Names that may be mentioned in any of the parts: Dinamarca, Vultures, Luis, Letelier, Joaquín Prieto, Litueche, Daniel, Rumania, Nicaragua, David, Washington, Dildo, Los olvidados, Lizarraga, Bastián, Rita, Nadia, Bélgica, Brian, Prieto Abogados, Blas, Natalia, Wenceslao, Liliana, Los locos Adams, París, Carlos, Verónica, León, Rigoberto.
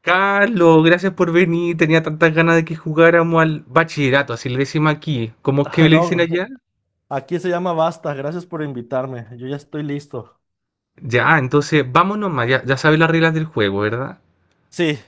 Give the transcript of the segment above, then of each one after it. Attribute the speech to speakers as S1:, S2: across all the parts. S1: Carlos, gracias por venir. Tenía tantas ganas de que jugáramos al bachillerato, así le decimos aquí. ¿Cómo es que le dicen
S2: No,
S1: allá?
S2: aquí se llama Basta. Gracias por invitarme. Yo ya estoy listo.
S1: Ya, entonces vámonos más. Ya, ya sabes las reglas del juego, ¿verdad?
S2: Sí,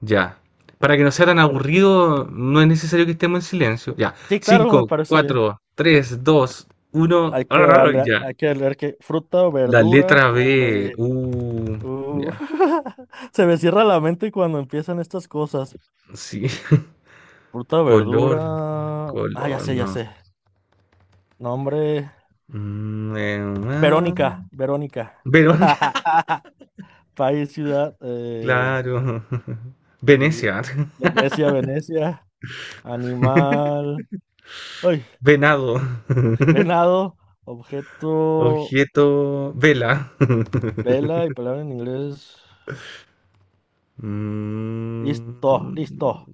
S1: Ya. Para que no sea tan
S2: per-
S1: aburrido, no es necesario que estemos en silencio. Ya.
S2: sí, claro, me
S1: Cinco,
S2: parece bien.
S1: cuatro, tres, dos, uno.
S2: Hay que darle,
S1: Ya.
S2: hay que leer que fruta o
S1: La
S2: verdura
S1: letra
S2: con
S1: B.
S2: B. Uh,
S1: Ya.
S2: Se me cierra la mente cuando empiezan estas cosas.
S1: Sí.
S2: Fruta o verdura.
S1: Color.
S2: Ah, ya
S1: Color,
S2: sé, ya
S1: no.
S2: sé. Nombre.
S1: Mm, ah.
S2: Verónica, Verónica.
S1: Verón.
S2: País, ciudad.
S1: Claro.
S2: Li-
S1: Venecia,
S2: Venecia, Venecia. Animal. Ay,
S1: venado,
S2: Venado, objeto,
S1: objeto, vela.
S2: vela y palabra en inglés. Listo,
S1: Mm,
S2: listo.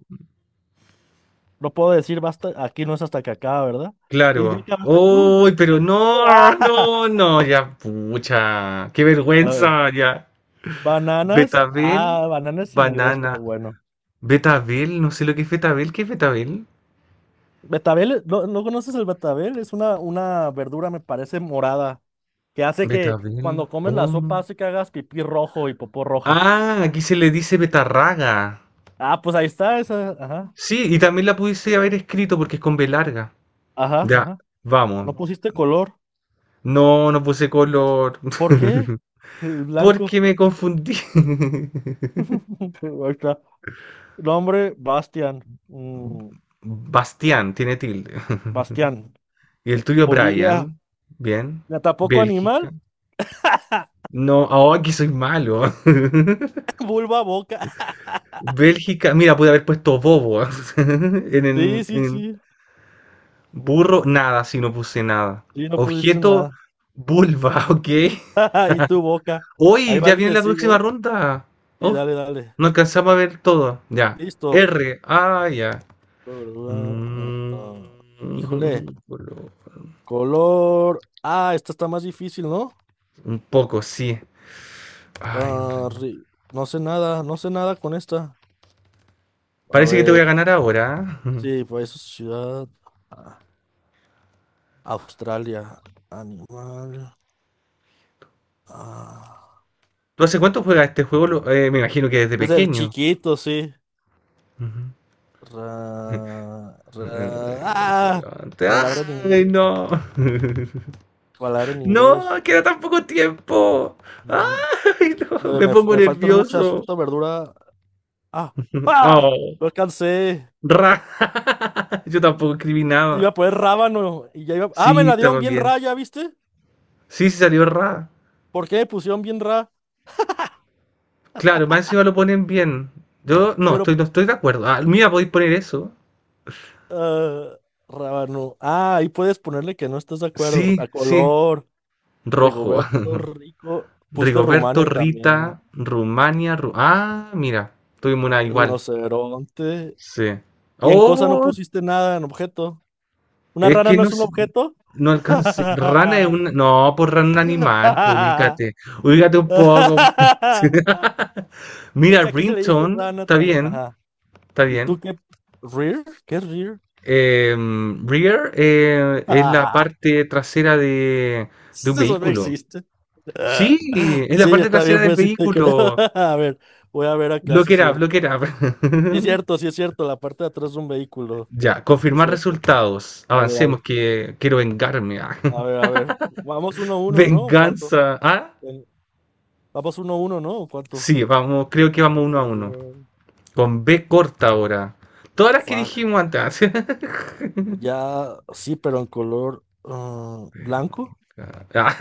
S2: No puedo decir basta, aquí no es hasta que acaba, ¿verdad? Y ya
S1: claro.
S2: acabaste tú. Sí,
S1: Uy, pero
S2: no,
S1: no,
S2: ah.
S1: no, no, ya, pucha, qué
S2: A ver,
S1: vergüenza, ya. Betabel,
S2: bananas en inglés, pero
S1: banana.
S2: bueno.
S1: Betabel, no sé lo que es betabel, ¿qué es betabel?
S2: Betabel, ¿no, no conoces el betabel? Es una verdura, me parece, morada, que hace que
S1: Betabel,
S2: cuando comes la
S1: oh.
S2: sopa hace que hagas pipí rojo y popó roja.
S1: Ah, aquí se le dice betarraga.
S2: Ah, pues ahí está esa, ajá,
S1: Sí, y también la pudiese haber escrito porque es con B larga.
S2: ajá,
S1: Ya,
S2: ajá. No
S1: vamos.
S2: pusiste color.
S1: No, no puse color.
S2: ¿Por qué? El
S1: Porque
S2: blanco.
S1: me confundí.
S2: Ahí está. Nombre, Bastian.
S1: Bastián tiene tilde.
S2: Bastián.
S1: Y el tuyo,
S2: Bolivia.
S1: Brian. Bien.
S2: ¿Me tampoco
S1: Bélgica.
S2: animal?
S1: No, ahora que soy malo.
S2: Vulva, boca.
S1: Bélgica. Mira, pude haber puesto bobo. en, en-
S2: Sí, sí,
S1: en
S2: sí.
S1: burro, nada, si no puse nada.
S2: Sí, no pusiste
S1: Objeto,
S2: nada.
S1: vulva, ok.
S2: Y tu boca. Ahí
S1: Hoy
S2: va
S1: ya
S2: el
S1: viene
S2: que
S1: la
S2: sigue.
S1: próxima
S2: ¿Eh?
S1: ronda.
S2: Sí,
S1: Oh,
S2: dale, dale.
S1: no alcanzamos a ver todo. Ya.
S2: Listo.
S1: R. Ah, ya.
S2: Ah, ah, ah.
S1: Mm,
S2: Híjole.
S1: colo-
S2: Color. Ah, esta está más difícil, ¿no?
S1: un poco, sí. Ay,
S2: Ah, no sé nada, no sé nada con esta. A
S1: parece que te voy
S2: ver.
S1: a ganar ahora. ¿Ah?
S2: Sí, pues ciudad. Ah, Australia. Animal. Ah,
S1: ¿Tú hace cuánto juegas este juego? Me imagino que desde
S2: desde
S1: pequeño.
S2: chiquito, sí.
S1: Ujú.
S2: Ra- ra-
S1: Los
S2: ah,
S1: gigantes.
S2: palabra en
S1: ¡Ay,
S2: inglés.
S1: no!
S2: Palabra en inglés.
S1: ¡No! ¡Queda
S2: Oh,
S1: tan poco tiempo!
S2: no,
S1: ¡Ay, no! Me
S2: me,
S1: pongo
S2: me faltan muchas
S1: nervioso.
S2: frutas, verdura. Ah, ah,
S1: ¡Oh!
S2: lo alcancé.
S1: ¡Ra! Yo tampoco escribí
S2: Iba
S1: nada.
S2: a poner rábano y ya iba. Ah, me
S1: Sí,
S2: la dieron
S1: estaba
S2: bien
S1: bien.
S2: ra, ¿ya viste?
S1: Sí, sí salió Ra.
S2: ¿Por qué me pusieron bien ra?
S1: Claro, más encima lo ponen bien. Yo no,
S2: Pero
S1: estoy, no estoy de acuerdo. Ah, mira, podéis poner eso.
S2: ah, rábano. Ah, ahí puedes ponerle que no estás de acuerdo.
S1: Sí,
S2: A
S1: sí,
S2: color,
S1: rojo.
S2: Rigoberto, rico. Pusiste
S1: Rigoberto,
S2: Rumania también.
S1: Rita, Rumania, Ah, mira, tuvimos una igual.
S2: Rinoceronte.
S1: Sí.
S2: Y en cosa no
S1: Oh,
S2: pusiste nada en objeto. ¿Una
S1: es
S2: rana
S1: que
S2: no
S1: no,
S2: es un objeto?
S1: no alcancé. Rana es un, no, por rana un animal, pues ubícate. Ubícate un poco. Sí.
S2: Es
S1: Mira,
S2: que aquí se le dice
S1: ringtone,
S2: rana
S1: está
S2: también.
S1: bien,
S2: Ajá.
S1: está
S2: ¿Y tú
S1: bien.
S2: qué? ¿Rear? ¿Qué es rear?
S1: Rear es la parte trasera de un
S2: Eso no
S1: vehículo.
S2: existe.
S1: Sí, es la
S2: Sí,
S1: parte
S2: está bien,
S1: trasera del
S2: pues sí te creo.
S1: vehículo.
S2: A ver, voy a ver acá, sí
S1: Look
S2: es
S1: it up, look
S2: cierto.
S1: it up.
S2: Sí es cierto, sí es cierto, la parte de atrás es un vehículo.
S1: Ya,
S2: Es
S1: confirmar
S2: cierto.
S1: resultados.
S2: Dale,
S1: Avancemos,
S2: dale.
S1: que quiero vengarme. Ah.
S2: A ver, a ver. Vamos uno a uno, ¿no? ¿Cuánto?
S1: Venganza. Ah,
S2: En- Vamos uno a uno, ¿no? ¿Cuánto?
S1: sí, vamos, creo que vamos uno a
S2: Puto
S1: uno.
S2: duro.
S1: Con B corta ahora. Todas las que
S2: Fuck.
S1: dijimos antes.
S2: Ya, sí, pero en color blanco.
S1: Ah,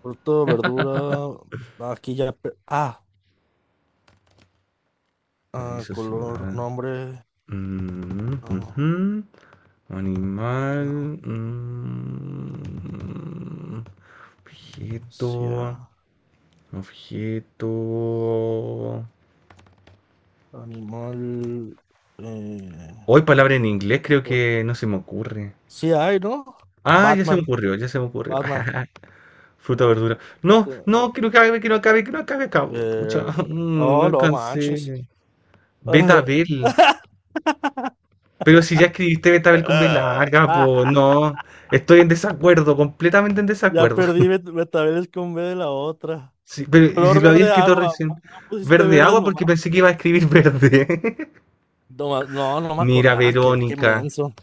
S2: Fruto, verdura. Aquí ya. Ah, ah,
S1: paraíso
S2: color,
S1: ciudad.
S2: nombre.
S1: Mm,
S2: Ah,
S1: ujú. Animal.
S2: ca-
S1: Objeto. Objeto.
S2: animal. Eh,
S1: Hoy palabra en inglés creo
S2: otro.
S1: que no se me ocurre.
S2: Sí, hay, ¿no?
S1: Ah, ya se me
S2: Batman,
S1: ocurrió, ya se me ocurrió.
S2: Batman.
S1: Fruta, verdura. No, no, que no acabe, que no acabe, que no acabe, acabo. Pucha,
S2: Eh,
S1: no
S2: oh, no manches.
S1: alcancé. Betabel. Pero si ya escribiste Betabel con B larga, pues
S2: Ah,
S1: no. Estoy en desacuerdo, completamente en
S2: ya
S1: desacuerdo.
S2: perdí, me con B de la otra.
S1: Sí, pero ¿y si
S2: Color
S1: lo había
S2: verde
S1: escrito
S2: agua.
S1: recién?
S2: ¿Por qué no pusiste
S1: Verde
S2: verde
S1: agua porque
S2: nomás?
S1: pensé que iba a escribir verde.
S2: No, no me
S1: Mira,
S2: acordaba. Qué
S1: Verónica.
S2: menso.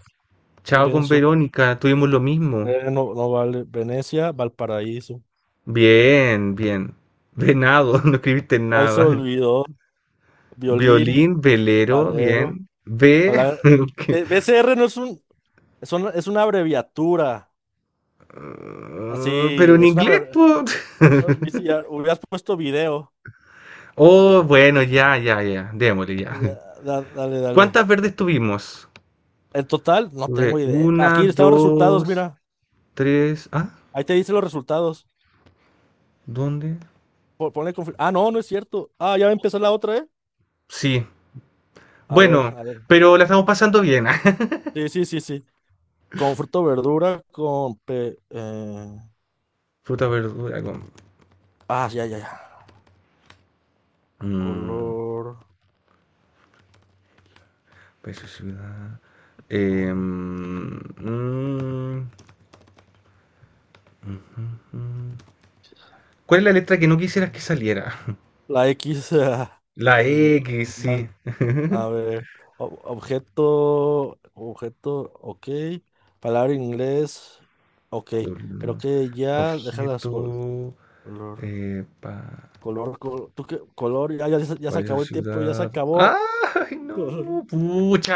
S2: Qué
S1: Chao con
S2: menso.
S1: Verónica, tuvimos lo mismo.
S2: No, no vale. Venecia, Valparaíso.
S1: Bien, bien. Venado, no escribiste
S2: No se
S1: nada.
S2: olvidó. Violín,
S1: Violín, velero,
S2: Valero.
S1: bien. Ve,
S2: Palabra...
S1: que-
S2: BCR no es un, es una abreviatura.
S1: Ah, pero
S2: Así,
S1: en
S2: es una
S1: inglés,
S2: abreviatura.
S1: po.
S2: Hubieras puesto video.
S1: Oh, bueno, ya, ya, ya. Démosle,
S2: Ah,
S1: ya.
S2: Ya, Dale, dale.
S1: ¿Cuántas verdes tuvimos?
S2: En total, no
S1: Tuve
S2: tengo idea.
S1: una,
S2: Aquí están los resultados,
S1: dos,
S2: mira.
S1: tres. ¿Ah?
S2: Ahí te dicen los resultados.
S1: ¿Dónde?
S2: Ponle Ah, no, no es cierto. Ah, ya va a empezar la otra, ¿eh?
S1: Sí.
S2: A ver,
S1: Bueno,
S2: a ver.
S1: pero la estamos pasando bien.
S2: Sí, sí, sí, sí. Con fruta o verdura, con...
S1: Fruta, verdura, con.
S2: Ah, ya, ya, ya.
S1: Mm,
S2: Color,
S1: País o ciudad.
S2: nombre.
S1: Em, mm, ujú. ¿Cuál es la letra que no quisieras que saliera?
S2: La X, ah,
S1: La X, sí.
S2: animal. A ver. Objeto, objeto, ok. Palabra en inglés, ok. Creo
S1: Colmo,
S2: que ya, déjalas
S1: objeto,
S2: color.
S1: eh, pa-
S2: Color, ¿tú qué? Color, ya, ya, ya se
S1: país o
S2: acabó el tiempo, ya se
S1: ciudad.
S2: acabó.
S1: ¡Ay, no!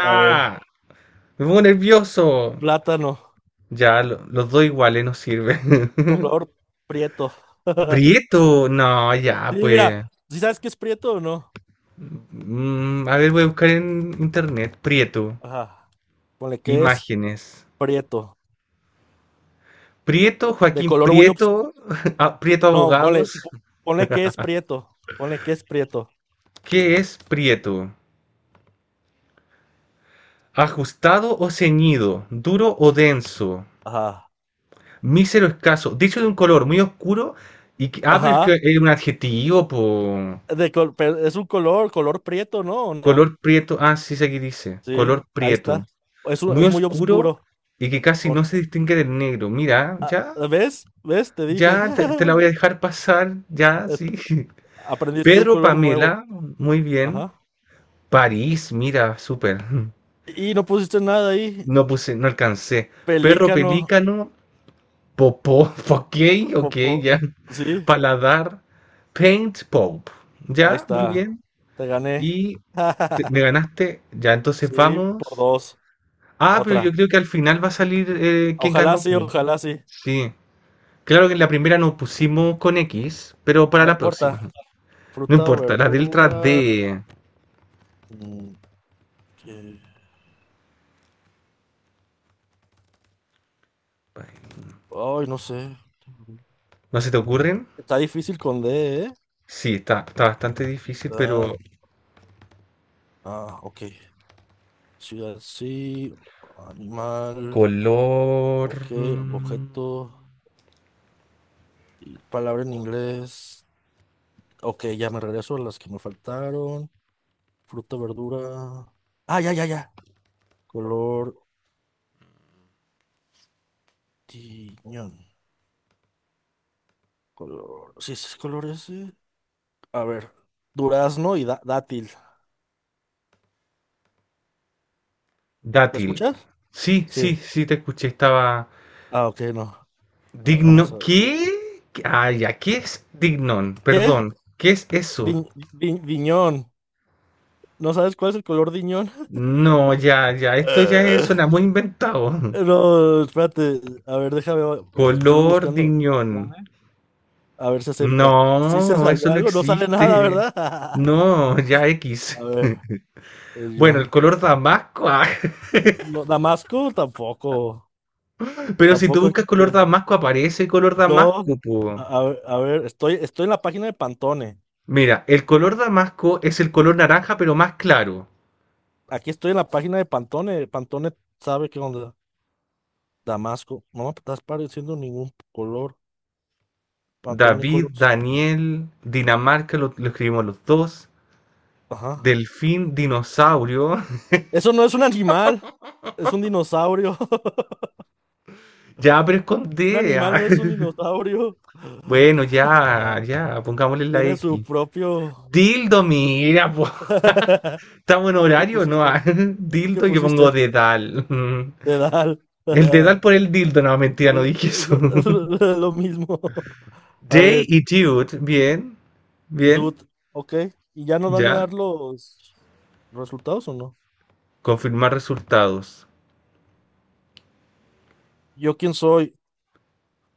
S2: A ver.
S1: Me pongo nervioso.
S2: Plátano,
S1: Ya, los dos iguales no sirve.
S2: color prieto.
S1: Prieto, no, ya,
S2: Sí, mira,
S1: pues.
S2: ¿sí sabes qué es prieto o no?
S1: A ver, voy a buscar en internet. Prieto,
S2: Ajá. Ponle que es
S1: imágenes.
S2: prieto.
S1: Prieto,
S2: De
S1: Joaquín
S2: color muy
S1: Prieto,
S2: oscuro.
S1: ah, Prieto
S2: No,
S1: Abogados.
S2: ponle que es prieto. Ponle que es prieto.
S1: ¿Qué es Prieto? Ajustado o ceñido, duro o denso,
S2: Ajá.
S1: mísero escaso, dicho de un color muy oscuro y ah, pero es que
S2: Ajá.
S1: es un adjetivo, po.
S2: Pero es un color, color prieto, ¿no? ¿O no?
S1: Color prieto, ah, sí, sé que dice,
S2: Sí,
S1: color
S2: ahí
S1: prieto,
S2: está. Es, un-
S1: muy
S2: es muy
S1: oscuro
S2: oscuro.
S1: y que casi no
S2: O-
S1: se distingue del negro. Mira, ya,
S2: no, ¿Ves? ¿Ves? Te dije.
S1: ya te la voy a dejar pasar, ya,
S2: Es-
S1: sí.
S2: Aprendiste un
S1: Pedro
S2: color nuevo.
S1: Pamela, muy bien.
S2: Ajá.
S1: París, mira, súper.
S2: Y no pusiste nada ahí.
S1: No puse, no alcancé. Perro
S2: Pelícano.
S1: pelícano, Popó, ok, ok,
S2: Popo.
S1: ya.
S2: Sí,
S1: Paladar, Paint Pop,
S2: ahí
S1: ya, muy
S2: está.
S1: bien.
S2: Te gané.
S1: Y me ganaste, ya, entonces
S2: Sí,
S1: vamos.
S2: por dos.
S1: Ah, pero yo
S2: Otra.
S1: creo que al final va a salir quién
S2: Ojalá
S1: ganó,
S2: sí,
S1: po.
S2: ojalá sí.
S1: Sí, claro que en la primera nos pusimos con X, pero para
S2: No
S1: la
S2: importa.
S1: próxima. No
S2: Fruta, o
S1: importa, las letras
S2: verdura.
S1: D.
S2: mm, ¿qué? Ay, no sé.
S1: ¿No se te ocurren?
S2: Está difícil con D, ¿eh?
S1: Sí, está bastante difícil,
S2: Ciudad,
S1: pero
S2: Ah, ok. Ciudad, sí. Animal.
S1: color
S2: Ok.
S1: mm,
S2: Objeto. Y palabra en inglés. Ok, ya me regreso a las que me faltaron. Fruta, verdura. Ah, ya, ya, ya. Color. Tiñón. Color. Sí, ese es color ese. A ver, durazno y dátil. ¿Me
S1: dátil.
S2: escuchas?
S1: Sí, sí,
S2: Sí.
S1: sí, te escuché, estaba.
S2: Ah, ok, no. Ah, vamos
S1: Digno.
S2: a ver.
S1: ¿Qué? Ah, ya, ¿qué es dignón?
S2: ¿Qué?
S1: Perdón, ¿qué es
S2: Di-
S1: eso?
S2: diñón. ¿No sabes cuál es el color diñón?
S1: No, ya, ya, esto ya
S2: Eh.
S1: suena muy inventado.
S2: No, espérate. A ver, déjame. Me Estoy
S1: Color
S2: buscando.
S1: dignón,
S2: Pantone. A ver si acepta. Si se
S1: no, eso
S2: salió
S1: no
S2: algo, no sale nada,
S1: existe.
S2: ¿verdad?
S1: No, ya X.
S2: A ver,
S1: Bueno,
S2: yo.
S1: el color damasco. Ah,
S2: No, Damasco tampoco.
S1: pero si tú
S2: Tampoco
S1: buscas color
S2: existe.
S1: damasco, aparece color
S2: No.
S1: damasco,
S2: A,
S1: po.
S2: a ver, a ver, estoy en la página de Pantone.
S1: Mira, el color damasco es el color naranja, pero más claro.
S2: Aquí estoy en la página de Pantone. Pantone sabe que onda. Damasco. No me estás pareciendo ningún color. Pantone
S1: David,
S2: Colors.
S1: Daniel, Dinamarca, lo escribimos los dos.
S2: Ajá.
S1: Delfín, dinosaurio.
S2: Eso no es un animal. Es un dinosaurio.
S1: Ya, pero es con
S2: Un
S1: D.
S2: animal
S1: Ah.
S2: no es un dinosaurio.
S1: Bueno, ya, ya, pongámosle la
S2: Tiene
S1: X.
S2: su propio.
S1: Dildo, mira, po. Estamos en
S2: ¿Tú qué
S1: horario, ¿no?
S2: pusiste?
S1: Ah,
S2: ¿Tú qué
S1: Dildo, yo pongo
S2: pusiste?
S1: dedal.
S2: Dedal.
S1: El dedal por el dildo, no, mentira, no dije eso.
S2: Lo, lo mismo. A
S1: Jay
S2: ver,
S1: y Jude, bien, bien,
S2: dude. Ok. ¿Y ya nos van a
S1: ya.
S2: dar los resultados o no?
S1: Confirmar resultados.
S2: ¿Yo quién soy?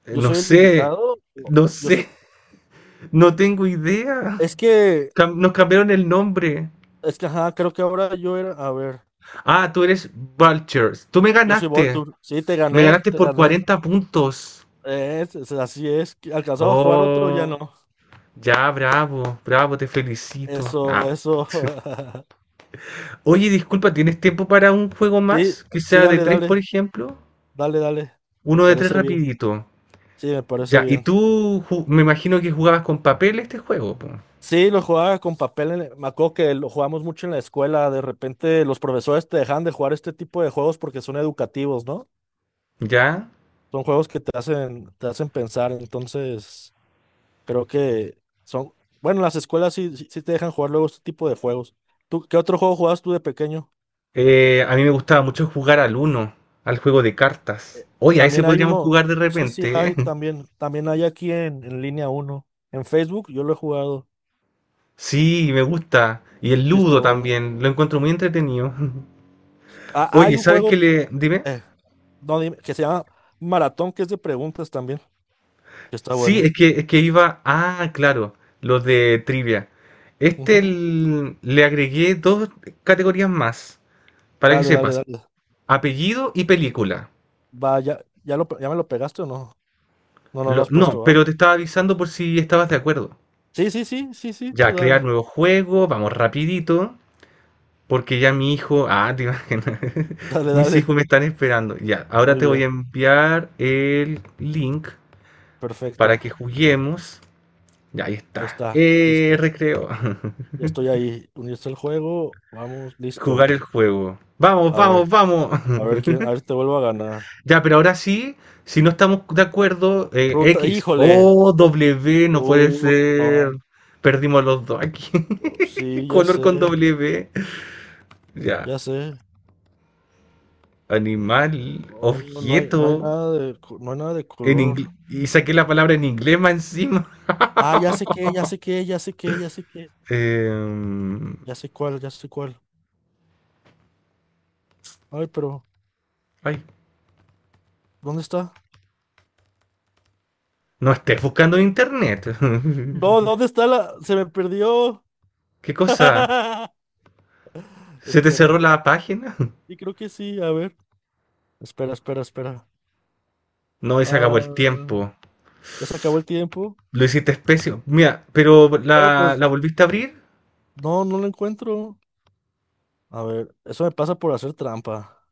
S2: Yo
S1: No
S2: soy el
S1: sé,
S2: invitado.
S1: no
S2: Yo
S1: sé,
S2: soy.
S1: no tengo idea.
S2: Es que,
S1: Nos cambiaron el nombre.
S2: es que, ajá, creo que ahora yo era. A ver,
S1: Ah, tú eres Vultures. Tú me
S2: yo soy
S1: ganaste.
S2: Voltur. Sí, te
S1: Me
S2: gané,
S1: ganaste
S2: te
S1: por
S2: gané.
S1: 40 puntos.
S2: Así es. ¿Que ¿Alcanzado a jugar otro? Ya
S1: Oh,
S2: no.
S1: ya, bravo, bravo, te felicito. Ah,
S2: Eso, eso.
S1: oye, disculpa, ¿tienes tiempo para un juego
S2: Sí,
S1: más? Que
S2: sí,
S1: sea de
S2: dale,
S1: tres, por
S2: dale.
S1: ejemplo.
S2: Dale, dale. Me
S1: Uno de tres
S2: parece bien.
S1: rapidito.
S2: Sí, me parece
S1: Ya, y
S2: bien.
S1: tú me imagino que jugabas con papel este juego, po.
S2: Sí, lo jugaba con papel. En Me acuerdo que lo jugamos mucho en la escuela. De repente los profesores te dejan de jugar este tipo de juegos porque son educativos, ¿no?
S1: Ya.
S2: Son juegos que te hacen, pensar. Entonces. Creo que son, bueno, las escuelas sí, sí, sí te dejan jugar luego este tipo de juegos. ¿Tú qué otro juego jugabas tú de pequeño?
S1: A mí me gustaba mucho jugar al uno, al juego de cartas.
S2: Eh,
S1: Oye, a ese
S2: También hay
S1: podríamos
S2: uno,
S1: jugar de
S2: sí, sí
S1: repente, ¿eh?
S2: hay, también hay aquí en línea uno. En Facebook yo lo he jugado
S1: Sí, me gusta. Y el
S2: y está
S1: ludo
S2: bueno.
S1: también, lo encuentro muy entretenido.
S2: Ah, hay
S1: Oye,
S2: un
S1: ¿sabes qué
S2: juego
S1: le? Dime.
S2: eh, no, dime, que se llama Maratón, que es de preguntas también, que está
S1: Sí, es
S2: bueno.
S1: que, es que iba. Ah, claro, los de trivia. Este
S2: Ujú.
S1: le agregué dos categorías más, para que
S2: Dale, dale,
S1: sepas.
S2: dale.
S1: Apellido y película.
S2: Vaya, ya me lo pegaste o no? No, no lo has
S1: No,
S2: puesto, ¿va?
S1: pero te estaba avisando por si estabas de acuerdo.
S2: Sí, sí, sí, sí, sí, tú
S1: Ya, crear
S2: dale.
S1: nuevo juego, vamos rapidito, porque ya mi hijo. Ah, te imaginas.
S2: Dale,
S1: Mis
S2: dale.
S1: hijos me están esperando. Ya, ahora
S2: Muy
S1: te voy
S2: bien,
S1: a enviar el link para
S2: perfecto.
S1: que juguemos. Ya, ahí
S2: Ahí
S1: está.
S2: está, listo.
S1: Recreo.
S2: Ya estoy ahí. Unirse al juego. Vamos,
S1: Jugar
S2: listo.
S1: el juego. Vamos,
S2: A
S1: vamos,
S2: ver,
S1: vamos.
S2: a ver quién, a ver si te vuelvo a ganar.
S1: Ya, pero ahora sí, si no estamos de acuerdo,
S2: Ruta,
S1: X
S2: híjole.
S1: o W, no puede
S2: Uh,
S1: ser.
S2: no.
S1: Perdimos los dos aquí.
S2: Sí, ya
S1: Color con
S2: sé,
S1: W. Ya,
S2: ya sé.
S1: animal,
S2: No, no hay, no
S1: objeto,
S2: hay nada de, no hay nada de
S1: en
S2: color.
S1: inglés. Y saqué la palabra en inglés más encima.
S2: Ah, ya sé qué, ya sé qué, ya sé qué, ya sé qué.
S1: Em,
S2: Ya sé cuál, ya sé cuál. Ay, pero,
S1: Ay,
S2: ¿dónde está?
S1: no estés buscando en internet.
S2: No, ¿dónde está la? Se me perdió.
S1: ¿Qué cosa? ¿Se te cerró
S2: Espera.
S1: la página?
S2: Sí, creo que sí. A ver. Espera, espera, espera.
S1: No, y se acabó el
S2: Ah.
S1: tiempo.
S2: Ya se acabó el tiempo.
S1: Lo hiciste especio. Mira, pero
S2: No,
S1: la,
S2: pues,
S1: la volviste a abrir.
S2: no, no lo encuentro. A ver, eso me pasa por hacer trampa.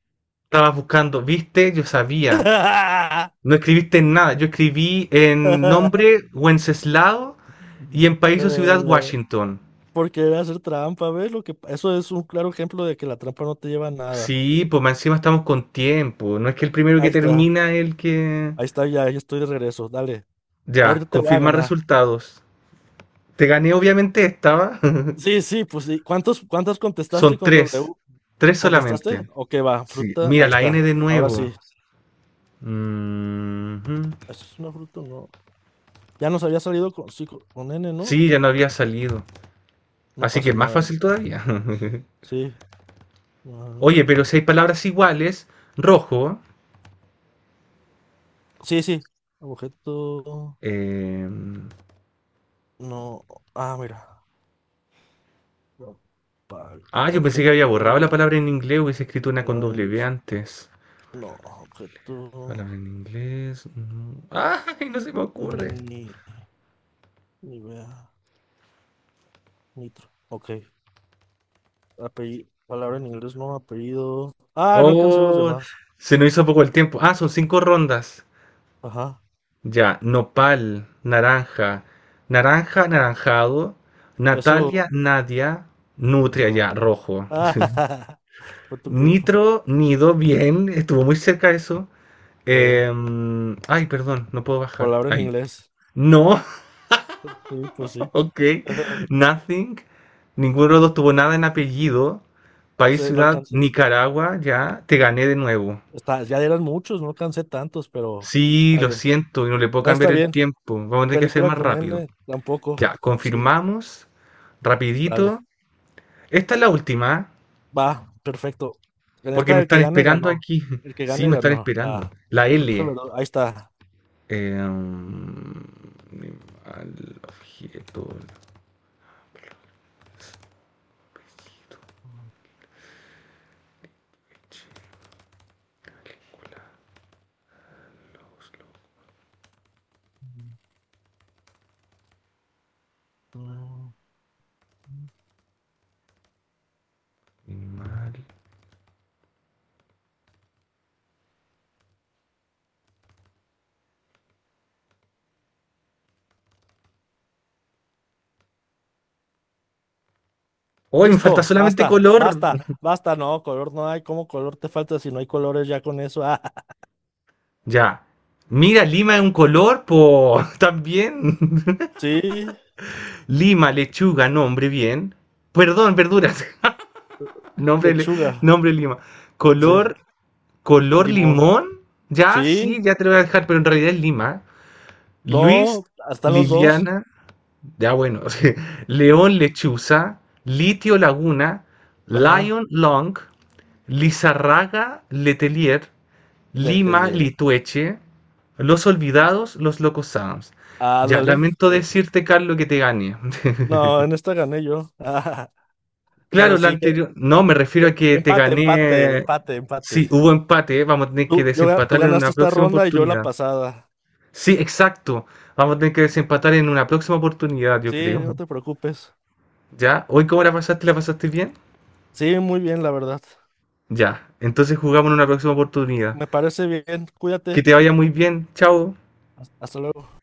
S1: Estabas buscando, viste, yo sabía. No escribiste en nada. Yo escribí en nombre Wenceslao y en país o ciudad
S2: Eh,
S1: Washington.
S2: por querer hacer trampa, ¿ves? Eso es un claro ejemplo de que la trampa no te lleva a nada.
S1: Sí, pues más encima estamos con tiempo. No es que el primero que
S2: Ahí está,
S1: termina es el que.
S2: ahí está, ya, ya estoy de regreso. Dale, ahorita
S1: Ya,
S2: te voy a
S1: confirma
S2: ganar.
S1: resultados. Te gané, obviamente, estaba.
S2: Sí, sí, pues sí. ¿Cuántos, cuántas contestaste
S1: Son
S2: con
S1: tres.
S2: W?
S1: Tres solamente.
S2: ¿Contestaste? Ok, va,
S1: Sí,
S2: fruta,
S1: mira,
S2: ahí
S1: la N
S2: está.
S1: de
S2: Ahora
S1: nuevo.
S2: sí.
S1: Mhm.
S2: ¿Eso es una fruta? O No. Ya nos había salido con, sí, con N, ¿no?
S1: Sí, ya no había salido.
S2: No
S1: Así que
S2: pasó
S1: es más
S2: nada.
S1: fácil todavía.
S2: Sí. Ah,
S1: Oye, pero si hay palabras iguales, rojo.
S2: sí, sí. Objeto.
S1: eh,
S2: No. Ah, mira. No. pa-
S1: Ah, yo pensé que había borrado la
S2: Objeto.
S1: palabra en inglés, hubiese escrito una con
S2: Palabra en
S1: W
S2: luz.
S1: antes.
S2: No. Objeto.
S1: Palabra en inglés. No. ¡Ay, no se me ocurre!
S2: Ni. Ni vea. Nitro. Ok. Apellido. Palabra en inglés, no. Apellido. Ah, no alcancé los
S1: Oh,
S2: demás.
S1: se nos hizo poco el tiempo. Ah, son cinco rondas.
S2: Ajá.
S1: Ya, nopal, naranja, naranja, anaranjado, Natalia,
S2: Eso.
S1: Nadia, nutria, ya,
S2: Ajá.
S1: rojo.
S2: Fue tu culpa.
S1: Nitro, nido, bien, estuvo muy cerca eso.
S2: Eh,
S1: Ay, perdón, no puedo bajar.
S2: palabra en
S1: Ahí.
S2: inglés.
S1: No,
S2: Sí, pues sí.
S1: ok. Nothing. Ninguno de los dos tuvo nada en apellido. País,
S2: Sí, no
S1: ciudad,
S2: alcancé.
S1: Nicaragua, ya. Te gané de nuevo.
S2: Está, ya eran muchos, no alcancé tantos, pero.
S1: Sí,
S2: Está
S1: lo
S2: bien.
S1: siento, y no le puedo
S2: No
S1: cambiar
S2: está
S1: el
S2: bien.
S1: tiempo. Vamos a tener que hacer
S2: Película
S1: más
S2: con
S1: rápido.
S2: N
S1: Ya,
S2: tampoco. Sí,
S1: confirmamos.
S2: dale.
S1: Rapidito. Esta es la última,
S2: Va, perfecto. En
S1: porque
S2: esta
S1: me
S2: el que
S1: están
S2: gane
S1: esperando
S2: ganó.
S1: aquí.
S2: El que
S1: Sí,
S2: gane
S1: me están
S2: ganó.
S1: esperando.
S2: Ah,
S1: La
S2: fruta,
S1: L.
S2: verdura, Ahí está.
S1: Em, Animal, objeto,
S2: Mm,
S1: animal. Hoy me falta
S2: Listo,
S1: solamente
S2: basta,
S1: color.
S2: basta, basta. No, color no hay. ¿Cómo color te falta si no hay colores ya con eso? Ah,
S1: Ya. Mira, Lima es un color, po. También.
S2: sí,
S1: Lima, lechuga, nombre, bien. Perdón, verduras. nombre, le-
S2: lechuga.
S1: nombre Lima.
S2: Sí,
S1: Color, color
S2: limón.
S1: limón. Ya, sí,
S2: Sí,
S1: ya te lo voy a dejar, pero en realidad es Lima. Luis,
S2: no, están los dos.
S1: Liliana. Ya, bueno. Sí.
S2: Eh,
S1: León, lechuza. Litio, laguna.
S2: Ajá,
S1: Lion, long. Lizarraga, Letelier.
S2: le, le-
S1: Lima,
S2: le-
S1: Litueche. Los olvidados, los locos Adams. Ya,
S2: Ándale.
S1: lamento
S2: Sí.
S1: decirte, Carlos, que te gané.
S2: No, en esta gané yo. Pero
S1: Claro, la
S2: sí,
S1: anterior. No, me refiero a
S2: Eh,
S1: que te
S2: Empate, empate,
S1: gané.
S2: empate, empate.
S1: Sí, hubo empate, ¿eh? Vamos a tener que
S2: Tú
S1: desempatar en una
S2: ganaste esta
S1: próxima
S2: ronda y yo la
S1: oportunidad.
S2: pasada.
S1: Sí, exacto. Vamos a tener que desempatar en una próxima oportunidad, yo
S2: Sí, no
S1: creo.
S2: te preocupes.
S1: ¿Ya? ¿Hoy cómo la pasaste? ¿La pasaste bien?
S2: Sí, muy bien, la verdad.
S1: Ya. Entonces jugamos en una próxima oportunidad.
S2: Me parece bien.
S1: Que
S2: Cuídate.
S1: te vaya muy bien. Chao.
S2: Hasta luego.